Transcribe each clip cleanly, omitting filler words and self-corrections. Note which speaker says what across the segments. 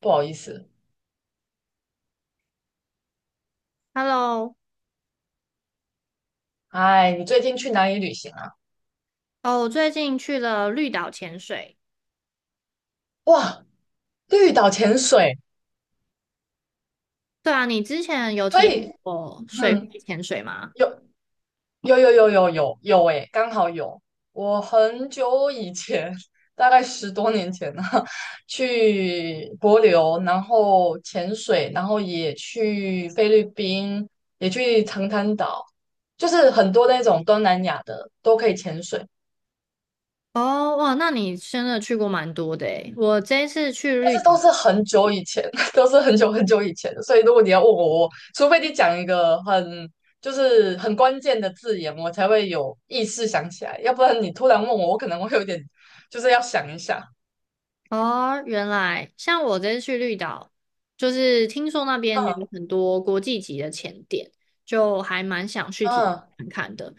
Speaker 1: 不好意思，
Speaker 2: Hello,
Speaker 1: 哎，你最近去哪里旅行啊？
Speaker 2: 哦，我最近去了绿岛潜水。
Speaker 1: 哇，绿岛潜水。
Speaker 2: 对啊，你之前有体
Speaker 1: 所
Speaker 2: 验
Speaker 1: 以，
Speaker 2: 过水
Speaker 1: 嗯，
Speaker 2: 肺潜水吗？
Speaker 1: 有，哎，刚好有。我很久以前，大概十多年前呢，去帛琉，然后潜水，然后也去菲律宾，也去长滩岛，就是很多那种东南亚的都可以潜水。
Speaker 2: 哦，哇，那你真的去过蛮多的诶。我这一次去
Speaker 1: 但
Speaker 2: 绿，
Speaker 1: 是都是很久以前，都是很久以前的，所以如果你要问我，我除非你讲一个很，就是很关键的字眼，我才会有意识想起来，要不然你突然问我，我可能会有点，就是要想一下。
Speaker 2: 哦，原来像我这次去绿岛，就是听说那边
Speaker 1: 嗯，
Speaker 2: 有很多国际级的潜点，就还蛮想去体验
Speaker 1: 嗯，
Speaker 2: 看看的。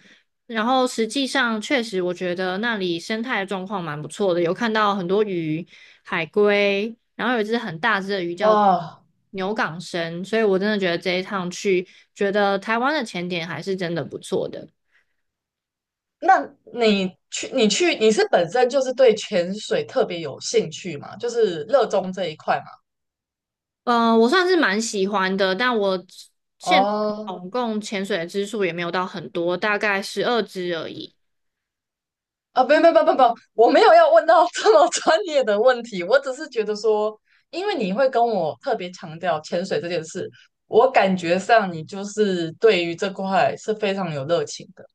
Speaker 2: 然后实际上，确实我觉得那里生态的状况蛮不错的，有看到很多鱼、海龟，然后有一只很大只的鱼叫
Speaker 1: 哇，
Speaker 2: 牛港生，所以我真的觉得这一趟去，觉得台湾的潜点还是真的不错的。
Speaker 1: 那你去你去你是本身就是对潜水特别有兴趣嘛？就是热衷这一块嘛？
Speaker 2: 嗯，我算是蛮喜欢的，但我现
Speaker 1: 哦，
Speaker 2: 总共潜水的支数也没有到很多，大概12支而已。
Speaker 1: 啊，不，我没有要问到 这么专业的问题，我只是觉得说，因为你会跟我特别强调潜水这件事，我感觉上你就是对于这块是非常有热情的，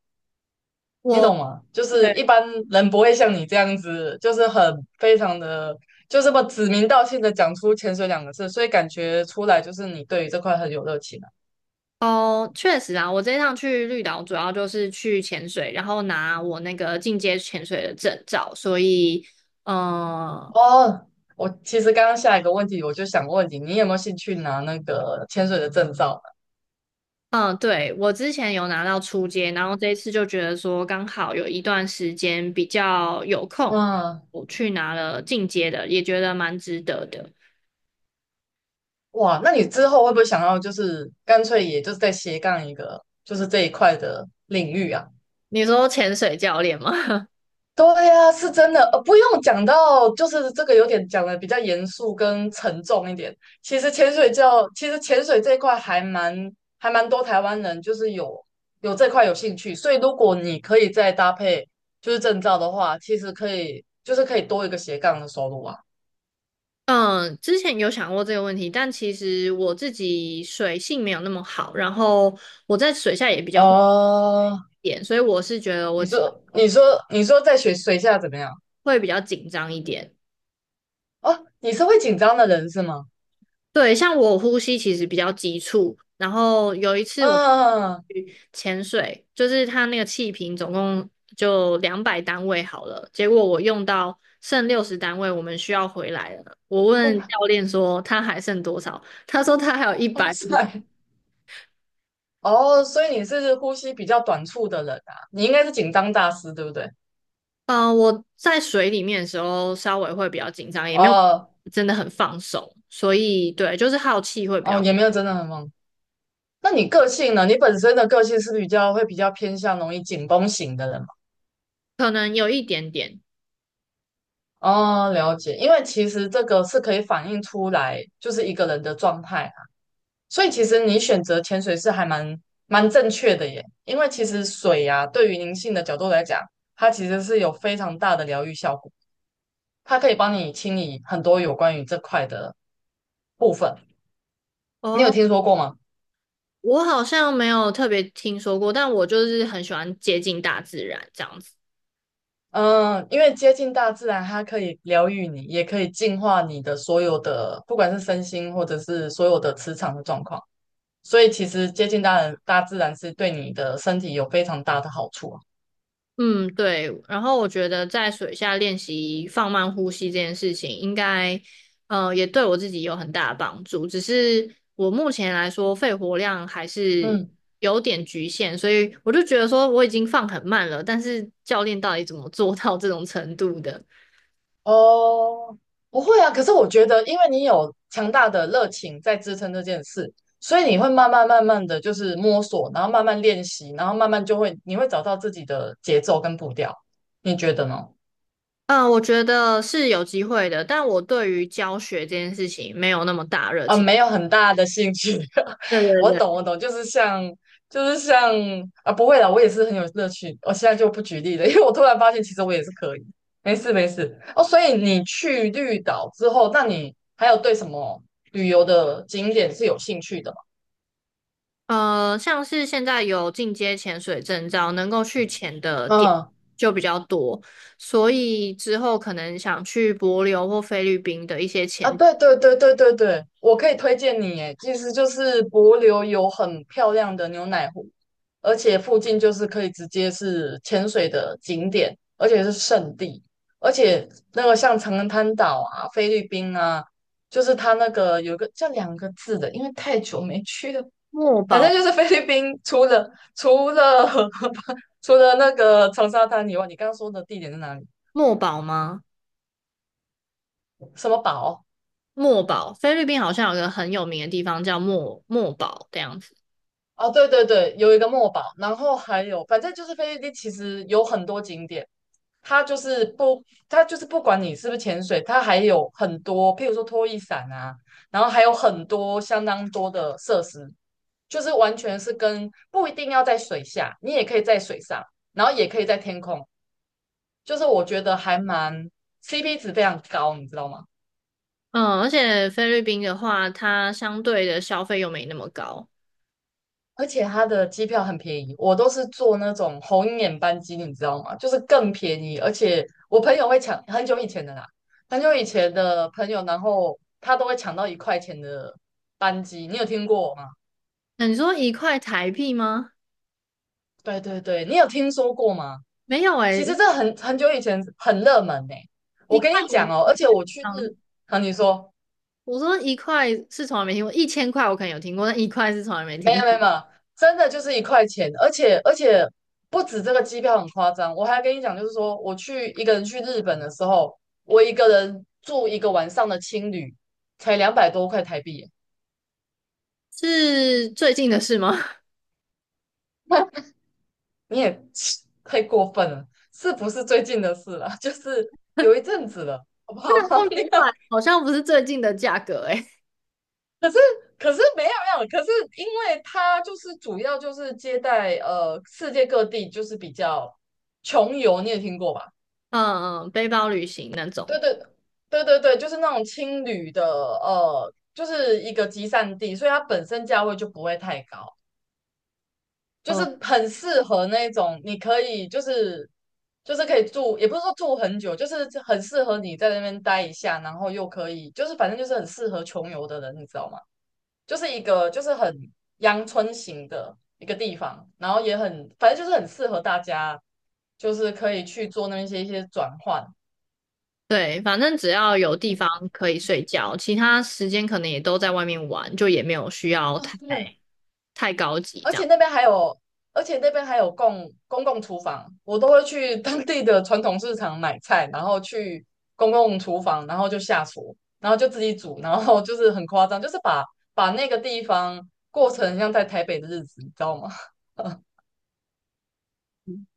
Speaker 1: 你
Speaker 2: 我
Speaker 1: 懂吗？就是一般人不会像你这样子，就是很非常的，就这么指名道姓的讲出潜水两个字，所以感觉出来就是你对于这块很有热情啊。
Speaker 2: 哦，确实啊，我这一趟去绿岛主要就是去潜水，然后拿我那个进阶潜水的证照，所以，嗯、
Speaker 1: 哦，我其实刚刚下一个问题我就想问你，你有没有兴趣拿那个潜水的证照？
Speaker 2: 嗯，对，我之前有拿到初阶，然后这一次就觉得说刚好有一段时间比较有空，
Speaker 1: 嗯，
Speaker 2: 我去拿了进阶的，也觉得蛮值得的。
Speaker 1: 哇，那你之后会不会想要就是干脆也就是再斜杠一个，就是这一块的领域啊？
Speaker 2: 你说潜水教练吗？
Speaker 1: 对呀，是真的，不用讲到就是这个有点讲的比较严肃跟沉重一点。其实潜水教，其实潜水这一块还蛮多台湾人就是有这块有兴趣，所以如果你可以再搭配就是证照的话，其实可以就是可以多一个斜杠的收入啊。
Speaker 2: 嗯，之前有想过这个问题，但其实我自己水性没有那么好，然后我在水下也比较会
Speaker 1: 哦，
Speaker 2: 点，所以我是觉得我
Speaker 1: 你说你说你说在水下怎么样？
Speaker 2: 会比较紧张一点。
Speaker 1: 哦，你是会紧张的人是吗？
Speaker 2: 对，像我呼吸其实比较急促，然后有一次我
Speaker 1: 嗯，
Speaker 2: 去潜水，就是它那个气瓶总共就200单位好了，结果我用到剩60单位，我们需要回来了。我问
Speaker 1: 哇
Speaker 2: 教练说他还剩多少，他说他还有一
Speaker 1: 哇
Speaker 2: 百五。
Speaker 1: 塞。哦，所以你是呼吸比较短促的人啊，你应该是紧张大师，对不对？
Speaker 2: 嗯、我在水里面的时候稍微会比较紧张，也没有
Speaker 1: 哦，
Speaker 2: 真的很放松，所以对，就是好奇会比
Speaker 1: 哦，
Speaker 2: 较，
Speaker 1: 也没有真的很忙。那你个性呢？你本身的个性是比较会比较偏向容易紧绷型的人吗？
Speaker 2: 可能有一点点。
Speaker 1: 哦，了解，因为其实这个是可以反映出来，就是一个人的状态。所以其实你选择潜水是还蛮正确的耶，因为其实水呀、对于灵性的角度来讲，它其实是有非常大的疗愈效果，它可以帮你清理很多有关于这块的部分。你有
Speaker 2: 哦，
Speaker 1: 听说过吗？
Speaker 2: 我好像没有特别听说过，但我就是很喜欢接近大自然这样子。
Speaker 1: 嗯，因为接近大自然，它可以疗愈你，也可以净化你的所有的，不管是身心或者是所有的磁场的状况。所以其实接近大自然是对你的身体有非常大的好处啊。
Speaker 2: 嗯，对。然后我觉得在水下练习放慢呼吸这件事情，应该也对我自己有很大的帮助。只是我目前来说，肺活量还是
Speaker 1: 嗯。
Speaker 2: 有点局限，所以我就觉得说我已经放很慢了，但是教练到底怎么做到这种程度的？
Speaker 1: 哦，不会啊。可是我觉得，因为你有强大的热情在支撑这件事，所以你会慢慢的就是摸索，然后慢慢练习，然后慢慢就会，你会找到自己的节奏跟步调。你觉得呢？
Speaker 2: 嗯，我觉得是有机会的，但我对于教学这件事情没有那么大热
Speaker 1: 啊，
Speaker 2: 情。
Speaker 1: 没有很大的兴趣。
Speaker 2: 对对
Speaker 1: 我懂，
Speaker 2: 对。
Speaker 1: 我懂，就是像，就是像，啊，不会啦，我也是很有乐趣。我现在就不举例了，因为我突然发现，其实我也是可以。没事，没事。哦，所以你去绿岛之后，那你还有对什么旅游的景点是有兴趣的吗？
Speaker 2: 像是现在有进阶潜水证照，能够去潜的点
Speaker 1: 嗯，
Speaker 2: 就比较多，所以之后可能想去帛琉或菲律宾的一些
Speaker 1: 啊，对，我可以推荐你，诶，其实就是帛琉有很漂亮的牛奶湖。而且附近就是可以直接是潜水的景点，而且是圣地，而且那个像长滩岛啊、菲律宾啊，就是它那个有个叫两个字的，因为太久没去了，
Speaker 2: 墨
Speaker 1: 反正
Speaker 2: 宝，
Speaker 1: 就是菲律宾除了除了 除了那个长沙滩以外，你刚刚说的地点在哪里？
Speaker 2: 墨宝吗？
Speaker 1: 什么堡。
Speaker 2: 墨宝，菲律宾好像有个很有名的地方叫墨墨宝这样子。
Speaker 1: 哦，对对对，有一个墨宝，然后还有，反正就是菲律宾其实有很多景点。它就是不，它就是不管你是不是潜水，它还有很多，譬如说拖衣伞啊，然后还有很多相当多的设施，就是完全是跟不一定要在水下，你也可以在水上，然后也可以在天空，就是我觉得还蛮 CP 值非常高，你知道吗？
Speaker 2: 嗯，而且菲律宾的话，它相对的消费又没那么高。
Speaker 1: 而且它的机票很便宜，我都是坐那种红眼班机，你知道吗？就是更便宜，而且我朋友会抢，很久以前的啦，很久以前的朋友，然后他都会抢到一块钱的班机，你有听过吗？
Speaker 2: 那你说1块台币吗？
Speaker 1: 对对对，你有听说过吗？
Speaker 2: 没有
Speaker 1: 其
Speaker 2: 诶、
Speaker 1: 实这很久以前很热门呢、我
Speaker 2: 一块。
Speaker 1: 跟你讲哦，而且我去日，好，你说。
Speaker 2: 我说一块是从来没听过，1000块我可能有听过，但一块是从来没
Speaker 1: 没
Speaker 2: 听
Speaker 1: 有没
Speaker 2: 过。
Speaker 1: 有没有，真的就是一块钱，而且不止这个机票很夸张，我还跟你讲，就是说我去一个人去日本的时候，我一个人住一个晚上的青旅，才两百多块台币耶。
Speaker 2: 是最近的事吗？
Speaker 1: 你也 太过分了，是不是最近的事了？就是有一阵子了，好不
Speaker 2: 到
Speaker 1: 好？那
Speaker 2: 两
Speaker 1: 个
Speaker 2: 百好像不是最近的价格诶、
Speaker 1: 可是没有，可是因为他就是主要就是接待世界各地就是比较穷游，你也听过吧？
Speaker 2: 嗯嗯，背包旅行那
Speaker 1: 对
Speaker 2: 种。
Speaker 1: 对对，就是那种青旅的，就是一个集散地，所以它本身价位就不会太高，就是
Speaker 2: 哦，
Speaker 1: 很适合那种你可以就是可以住，也不是说住很久，就是很适合你在那边待一下，然后又可以就是反正就是很适合穷游的人，你知道吗？就是一个就是很阳春型的一个地方，然后也很反正就是很适合大家，就是可以去做那些一些转换。
Speaker 2: 对，反正只要有地方可 以睡觉，其他时间可能也都在外面玩，就也没有需要太
Speaker 1: 嗯，
Speaker 2: 高急
Speaker 1: 而
Speaker 2: 这
Speaker 1: 且
Speaker 2: 样。
Speaker 1: 那边还有，而且那边还有公共厨房，我都会去 当地的传统市场买菜，然后去公共厨房，然后就下厨，然后就自己煮，然后就是很夸张，就是把那个地方过成像在台北的日子，你知道吗？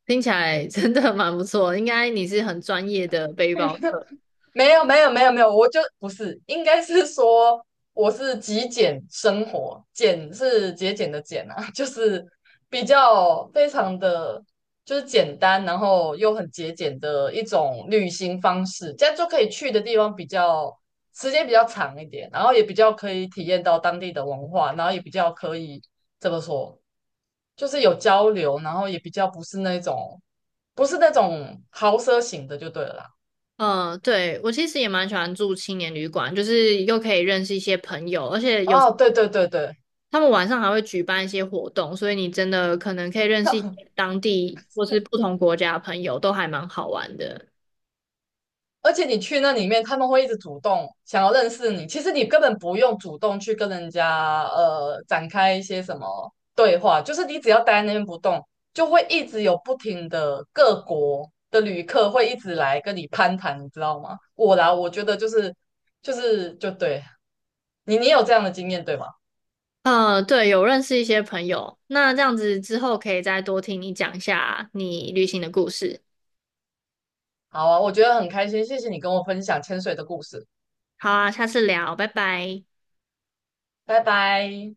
Speaker 2: 听起来真的蛮不错，应该你是很专业的背包客。
Speaker 1: 没有，我就不是，应该是说我是极简生活，简是节俭的简啊，就是比较非常的就是简单，然后又很节俭的一种旅行方式，这样就可以去的地方比较时间比较长一点，然后也比较可以体验到当地的文化，然后也比较可以怎么说，就是有交流，然后也比较不是那种豪奢型的就对了啦。
Speaker 2: 嗯，对，我其实也蛮喜欢住青年旅馆，就是又可以认识一些朋友，而且有。
Speaker 1: 哦，对对对对。
Speaker 2: 他们晚上还会举办一些活动，所以你真的可能可以 认
Speaker 1: 那
Speaker 2: 识一些当地或是不同国家的朋友，都还蛮好玩的。
Speaker 1: 而且你去那里面，他们会一直主动想要认识你。其实你根本不用主动去跟人家展开一些什么对话，就是你只要待在那边不动，就会一直有不停的各国的旅客会一直来跟你攀谈，你知道吗？我啦，我觉得就是就对你，你有这样的经验对吗？
Speaker 2: 对，有认识一些朋友，那这样子之后可以再多听你讲一下你旅行的故事。
Speaker 1: 好啊，我觉得很开心，谢谢你跟我分享潜水的故事，
Speaker 2: 好啊，下次聊，拜拜。
Speaker 1: 拜拜。